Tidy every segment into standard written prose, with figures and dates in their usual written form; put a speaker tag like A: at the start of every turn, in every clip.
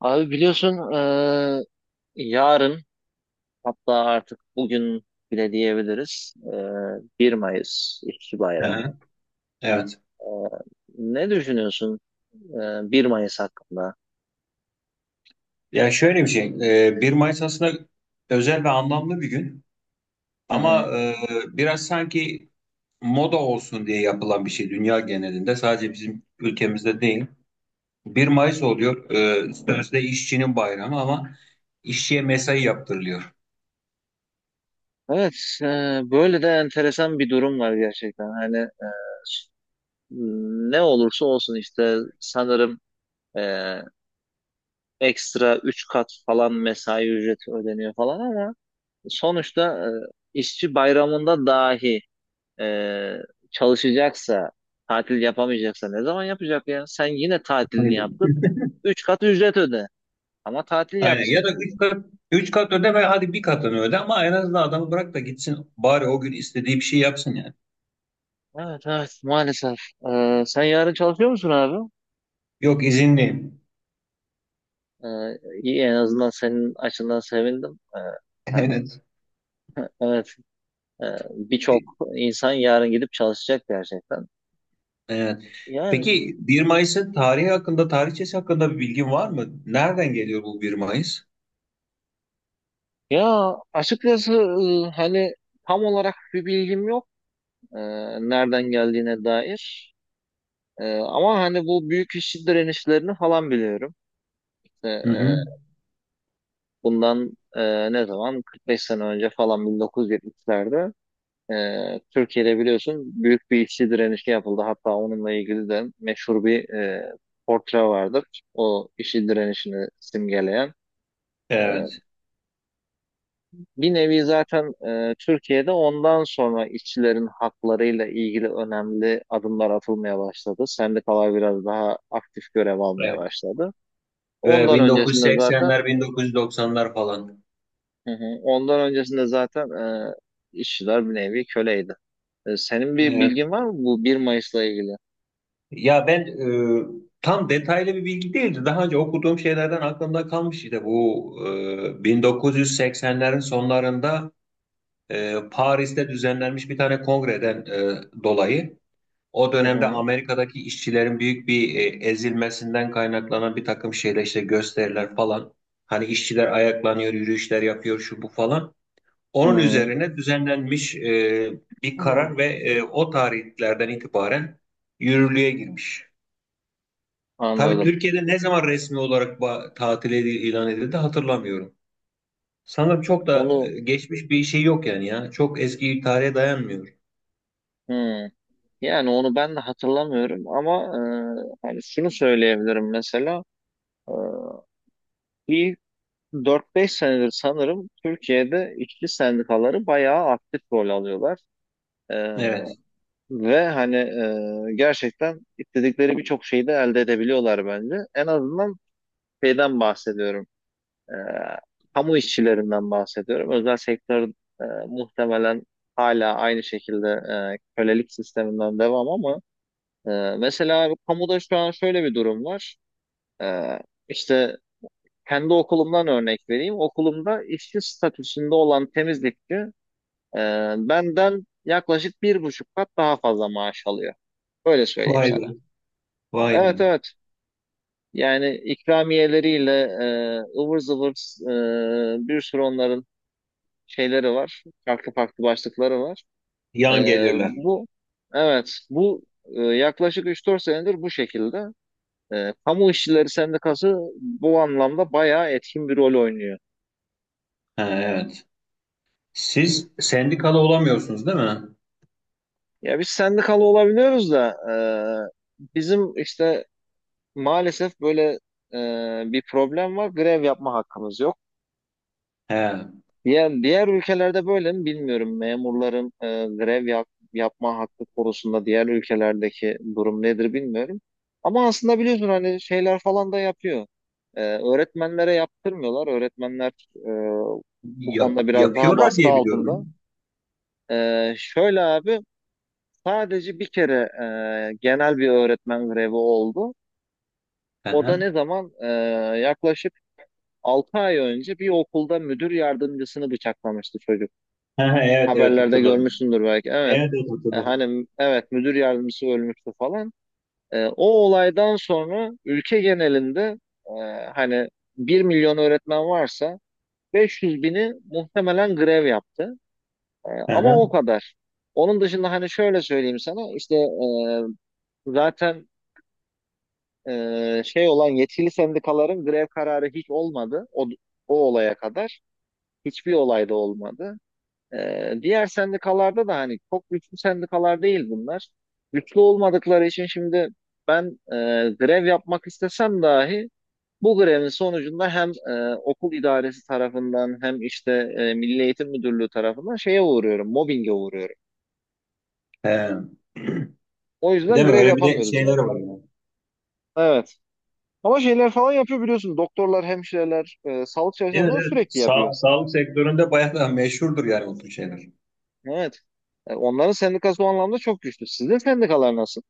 A: Abi biliyorsun yarın hatta artık bugün bile diyebiliriz. 1 Mayıs İşçi
B: Hı
A: Bayramı.
B: hı. Evet.
A: Eee, ne düşünüyorsun 1 Mayıs hakkında?
B: Ya şöyle bir şey, 1 Mayıs aslında özel ve anlamlı bir gün
A: Hı hı.
B: ama biraz sanki moda olsun diye yapılan bir şey dünya genelinde, sadece bizim ülkemizde değil. Bir Mayıs oluyor, sözde işçinin bayramı ama işçiye mesai yaptırılıyor.
A: Evet, böyle de enteresan bir durum var gerçekten. Ne olursa olsun işte sanırım eee, ekstra 3 kat falan mesai ücreti ödeniyor falan ama sonuçta işçi bayramında dahi e, çalışacaksa, tatil yapamayacaksa ne zaman yapacak ya? Sen yine tatilini
B: Aynen.
A: yaptın. Üç kat ücret öde. Ama tatil
B: Aynen. Ya
A: yapsın.
B: da üç kat, üç kat öde ve hadi bir katını öde ama en azından adamı bırak da gitsin, bari o gün istediği bir şey yapsın yani.
A: Evet evet, maalesef. Sen yarın çalışıyor musun abi?
B: Yok, izinliyim.
A: E, iyi en azından senin açından sevindim. Hani
B: Evet.
A: evet, e, birçok insan yarın gidip çalışacak gerçekten.
B: Evet.
A: Yani
B: Peki, 1 Mayıs'ın tarihi hakkında, tarihçesi hakkında bir bilgin var mı? Nereden geliyor bu 1 Mayıs?
A: ya açıkçası, hani tam olarak bir bilgim yok, e, nereden geldiğine dair. Ama hani bu büyük işçi direnişlerini falan biliyorum. İşte,
B: Hı hı.
A: bundan ne zaman? 45 sene önce falan 1970'lerde Türkiye'de biliyorsun büyük bir işçi direnişi yapıldı. Hatta onunla ilgili de meşhur bir portre vardır. O işçi direnişini simgeleyen. E,
B: Evet,
A: Bir nevi zaten Türkiye'de ondan sonra işçilerin haklarıyla ilgili önemli adımlar atılmaya başladı. Sendikalar biraz daha aktif görev almaya
B: evet.
A: başladı.
B: Böyle
A: Ondan öncesinde zaten
B: 1980'ler, 1990'lar falan.
A: hı hı, ondan öncesinde zaten e, işçiler bir nevi köleydi. Senin bir
B: Evet.
A: bilgin var mı bu bir Mayıs'la ilgili?
B: Ya ben e, tam detaylı bir bilgi değildi. Daha önce okuduğum şeylerden aklımda kalmış, işte bu 1980'lerin sonlarında Paris'te düzenlenmiş bir tane kongreden dolayı. O
A: Hı
B: dönemde
A: hı,
B: Amerika'daki işçilerin büyük bir ezilmesinden kaynaklanan bir takım şeyler, işte gösteriler falan. Hani işçiler ayaklanıyor, yürüyüşler yapıyor, şu bu falan.
A: hı
B: Onun
A: hı.
B: üzerine düzenlenmiş bir
A: Hmm.
B: karar ve o tarihlerden itibaren yürürlüğe girmiş. Tabii
A: Anladım.
B: Türkiye'de ne zaman resmi olarak ilan edildi hatırlamıyorum. Sanırım çok da
A: Onu
B: geçmiş bir şey yok yani ya. Çok eski bir tarihe dayanmıyor.
A: hı. Yani onu ben de hatırlamıyorum ama, şunu söyleyebilirim mesela. e, Bir dört beş senedir sanırım Türkiye'de işçi sendikaları bayağı aktif rol alıyorlar. E,
B: Evet.
A: Ve hani gerçekten istedikleri birçok şeyi de elde edebiliyorlar bence. En azından şeyden bahsediyorum. E, Kamu işçilerinden bahsediyorum. Özel sektör muhtemelen hala aynı şekilde kölelik sisteminden devam, ama e, mesela kamuda şu an şöyle bir durum var. E, işte Kendi okulumdan örnek vereyim. Okulumda işçi statüsünde olan temizlikçi, e, benden yaklaşık bir buçuk kat daha fazla maaş alıyor. Öyle söyleyeyim
B: Vay
A: sana.
B: be. Vay
A: Evet
B: be.
A: evet. Yani ikramiyeleriyle, ıvır zıvır, bir sürü onların şeyleri var. Farklı farklı başlıkları var. E,
B: Yan gelirler.
A: bu evet, bu yaklaşık üç dört senedir bu şekilde. Kamu işçileri sendikası bu anlamda bayağı etkin bir rol oynuyor.
B: Ha, evet. Siz sendikalı olamıyorsunuz değil mi?
A: Ya biz sendikalı olabiliyoruz da bizim işte maalesef böyle bir problem var. Grev yapma hakkımız yok.
B: He.
A: Diğer ülkelerde böyle mi bilmiyorum. Memurların yapma hakkı konusunda diğer ülkelerdeki durum nedir bilmiyorum. Ama aslında biliyorsun hani şeyler falan da yapıyor. Öğretmenlere yaptırmıyorlar. Öğretmenler bu
B: Yap,
A: konuda biraz daha
B: yapıyorlar
A: baskı
B: diye
A: altında.
B: biliyorum.
A: Şöyle abi, sadece bir kere genel bir öğretmen grevi oldu.
B: Hı
A: O da
B: hı.
A: ne zaman? Yaklaşık 6 ay önce bir okulda müdür yardımcısını bıçaklamıştı çocuk.
B: Hı hı, evet, evet,
A: Haberlerde
B: hatırladım.
A: görmüşsündür belki. Evet.
B: Evet, evet, hatırladım.
A: Evet, müdür yardımcısı ölmüştü falan. O olaydan sonra ülke genelinde e, hani bir milyon öğretmen varsa 500 bini muhtemelen grev yaptı.
B: Hı
A: Ama
B: hı.
A: o kadar. Onun dışında hani şöyle söyleyeyim sana, zaten şey olan yetkili sendikaların grev kararı hiç olmadı. O olaya kadar. Hiçbir olayda olmadı. Diğer sendikalarda da hani çok güçlü sendikalar değil bunlar. Güçlü olmadıkları için şimdi ben e, grev yapmak istesem dahi bu grevin sonucunda hem okul idaresi tarafından hem işte Milli Eğitim Müdürlüğü tarafından şeye uğruyorum, mobbinge uğruyorum.
B: He.
A: O yüzden
B: Değil mi?
A: grev
B: Öyle bir de
A: yapamıyoruz
B: şeyler
A: yani.
B: var yani.
A: Evet. Ama şeyler falan yapıyor biliyorsun. Doktorlar, hemşireler, sağlık
B: Evet,
A: çalışanları
B: evet.
A: sürekli yapıyor.
B: Sağlık sektöründe bayağı da meşhurdur yani, o tür şeyler.
A: Evet. Onların sendikası o anlamda çok güçlü. Sizin sendikalar nasıl?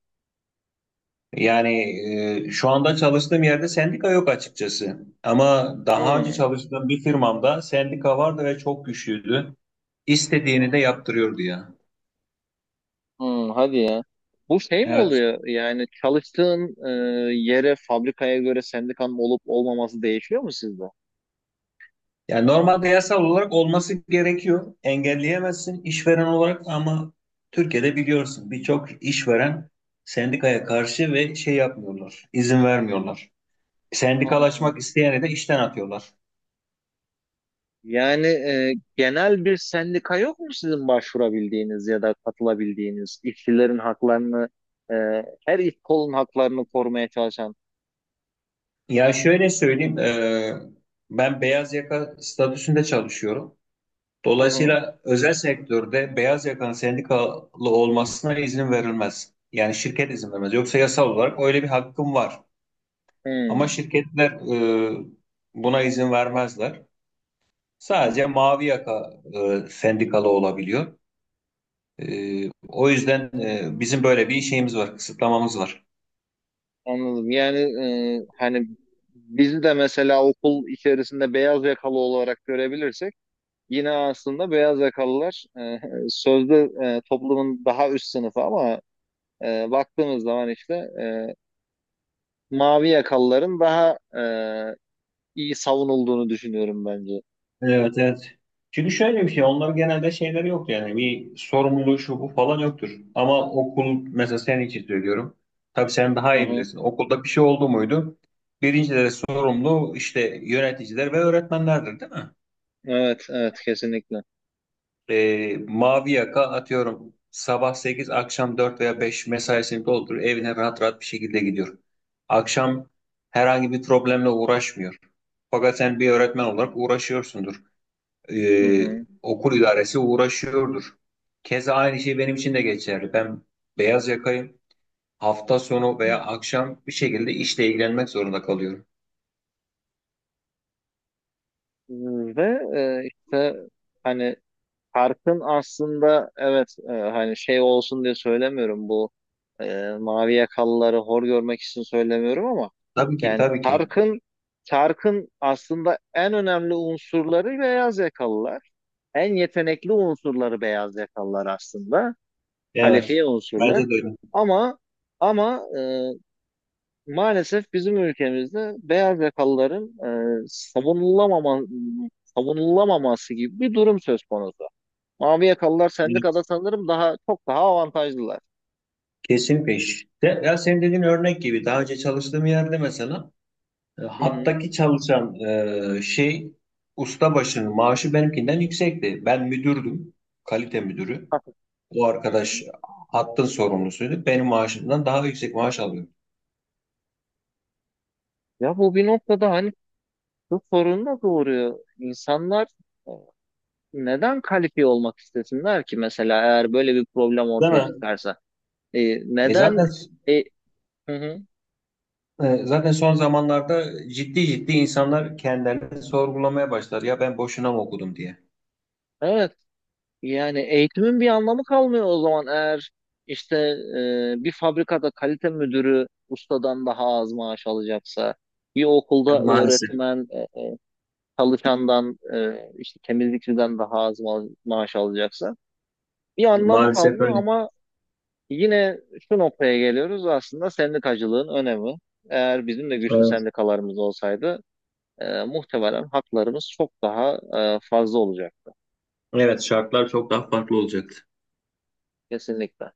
B: Yani şu anda çalıştığım yerde sendika yok açıkçası. Ama daha önce
A: Hmm.
B: çalıştığım bir firmamda sendika vardı ve çok güçlüydü. İstediğini de yaptırıyordu ya.
A: Hmm, hadi ya. Bu şey mi
B: Evet.
A: oluyor? Yani çalıştığın yere, fabrikaya göre sendikanın olup olmaması değişiyor mu sizde?
B: Yani normalde yasal olarak olması gerekiyor. Engelleyemezsin işveren olarak ama Türkiye'de biliyorsun birçok işveren sendikaya karşı ve şey yapmıyorlar, izin vermiyorlar.
A: Aa.
B: Sendikalaşmak isteyeni de işten atıyorlar.
A: Yani genel bir sendika yok mu sizin başvurabildiğiniz ya da katılabildiğiniz işçilerin haklarını, e, her iş kolun haklarını korumaya çalışan?
B: Ya şöyle söyleyeyim, ben beyaz yaka statüsünde çalışıyorum.
A: Hı hı.
B: Dolayısıyla özel sektörde beyaz yakanın sendikalı olmasına izin verilmez. Yani şirket izin vermez. Yoksa yasal olarak öyle bir hakkım var. Ama
A: Hmm,
B: şirketler e, buna izin vermezler.
A: hı,
B: Sadece mavi yaka sendikalı olabiliyor. O yüzden bizim böyle bir şeyimiz var, kısıtlamamız var.
A: anladım. Yani e, hani bizi de mesela okul içerisinde beyaz yakalı olarak görebilirsek, yine aslında beyaz yakalılar sözde toplumun daha üst sınıfı, ama baktığımız zaman işte e, mavi yakalıların daha iyi savunulduğunu düşünüyorum bence.
B: Evet, evet. Çünkü şöyle bir şey, onların genelde şeyleri yok yani, bir sorumluluğu şu bu falan yoktur. Ama okul mesela, senin için söylüyorum. Tabii sen daha
A: Hı
B: iyi
A: hı.
B: bilirsin. Okulda bir şey oldu muydu? Birinci derece sorumlu, işte yöneticiler ve öğretmenlerdir değil mi?
A: Evet, evet kesinlikle.
B: Mavi yaka, atıyorum, sabah 8, akşam 4 veya 5 mesaisini dolduruyor, evine rahat rahat bir şekilde gidiyor. Akşam herhangi bir problemle uğraşmıyor. Fakat sen bir öğretmen olarak uğraşıyorsundur.
A: Hı
B: E,
A: hı.
B: okul idaresi uğraşıyordur. Keza aynı şey benim için de geçerli. Ben beyaz yakayım. Hafta sonu veya akşam bir şekilde işle ilgilenmek zorunda kalıyorum.
A: Ve e, işte hani Parkın aslında, evet, şey olsun diye söylemiyorum, bu mavi yakalıları hor görmek için söylemiyorum, ama
B: Tabii ki,
A: yani
B: tabii ki.
A: Tark'ın aslında en önemli unsurları beyaz yakalılar. En yetenekli unsurları beyaz yakalılar aslında.
B: Evet.
A: Kalifiye
B: Bence
A: unsurlar.
B: de
A: Ama ama maalesef bizim ülkemizde beyaz yakalıların e, savunulamama, savunulamaması gibi bir durum söz konusu. Mavi yakalılar
B: öyle.
A: sendikada sanırım daha çok daha avantajlılar.
B: Kesinlikle. İşte. Ya senin dediğin örnek gibi, daha önce çalıştığım yerde mesela
A: Hı hı.
B: hattaki çalışan e, şey ustabaşının maaşı benimkinden yüksekti. Ben müdürdüm. Kalite müdürü.
A: Hafif.
B: O
A: Hı hı.
B: arkadaş hattın sorumlusuydu. Benim maaşımdan daha yüksek maaş alıyordu.
A: Ya bu bir noktada hani şu sorun da doğuruyor. İnsanlar e, neden kalifiye olmak istesinler ki mesela, eğer böyle bir problem
B: Değil
A: ortaya
B: mi?
A: çıkarsa?
B: E
A: Neden?
B: zaten
A: E, hı hı.
B: zaten son zamanlarda ciddi ciddi insanlar kendilerini sorgulamaya başlar. Ya ben boşuna mı okudum diye.
A: Evet. Yani eğitimin bir anlamı kalmıyor o zaman, eğer işte bir fabrikada kalite müdürü ustadan daha az maaş alacaksa, bir
B: E,
A: okulda
B: maalesef.
A: öğretmen çalışandan, temizlikçiden daha az maaş alacaksa bir anlamı
B: Maalesef
A: kalmıyor,
B: öyle.
A: ama yine şu noktaya geliyoruz aslında: sendikacılığın önemi. Eğer bizim de güçlü
B: Evet.
A: sendikalarımız olsaydı muhtemelen haklarımız çok daha fazla olacaktı.
B: Evet, şartlar çok daha farklı olacaktı.
A: Kesinlikle.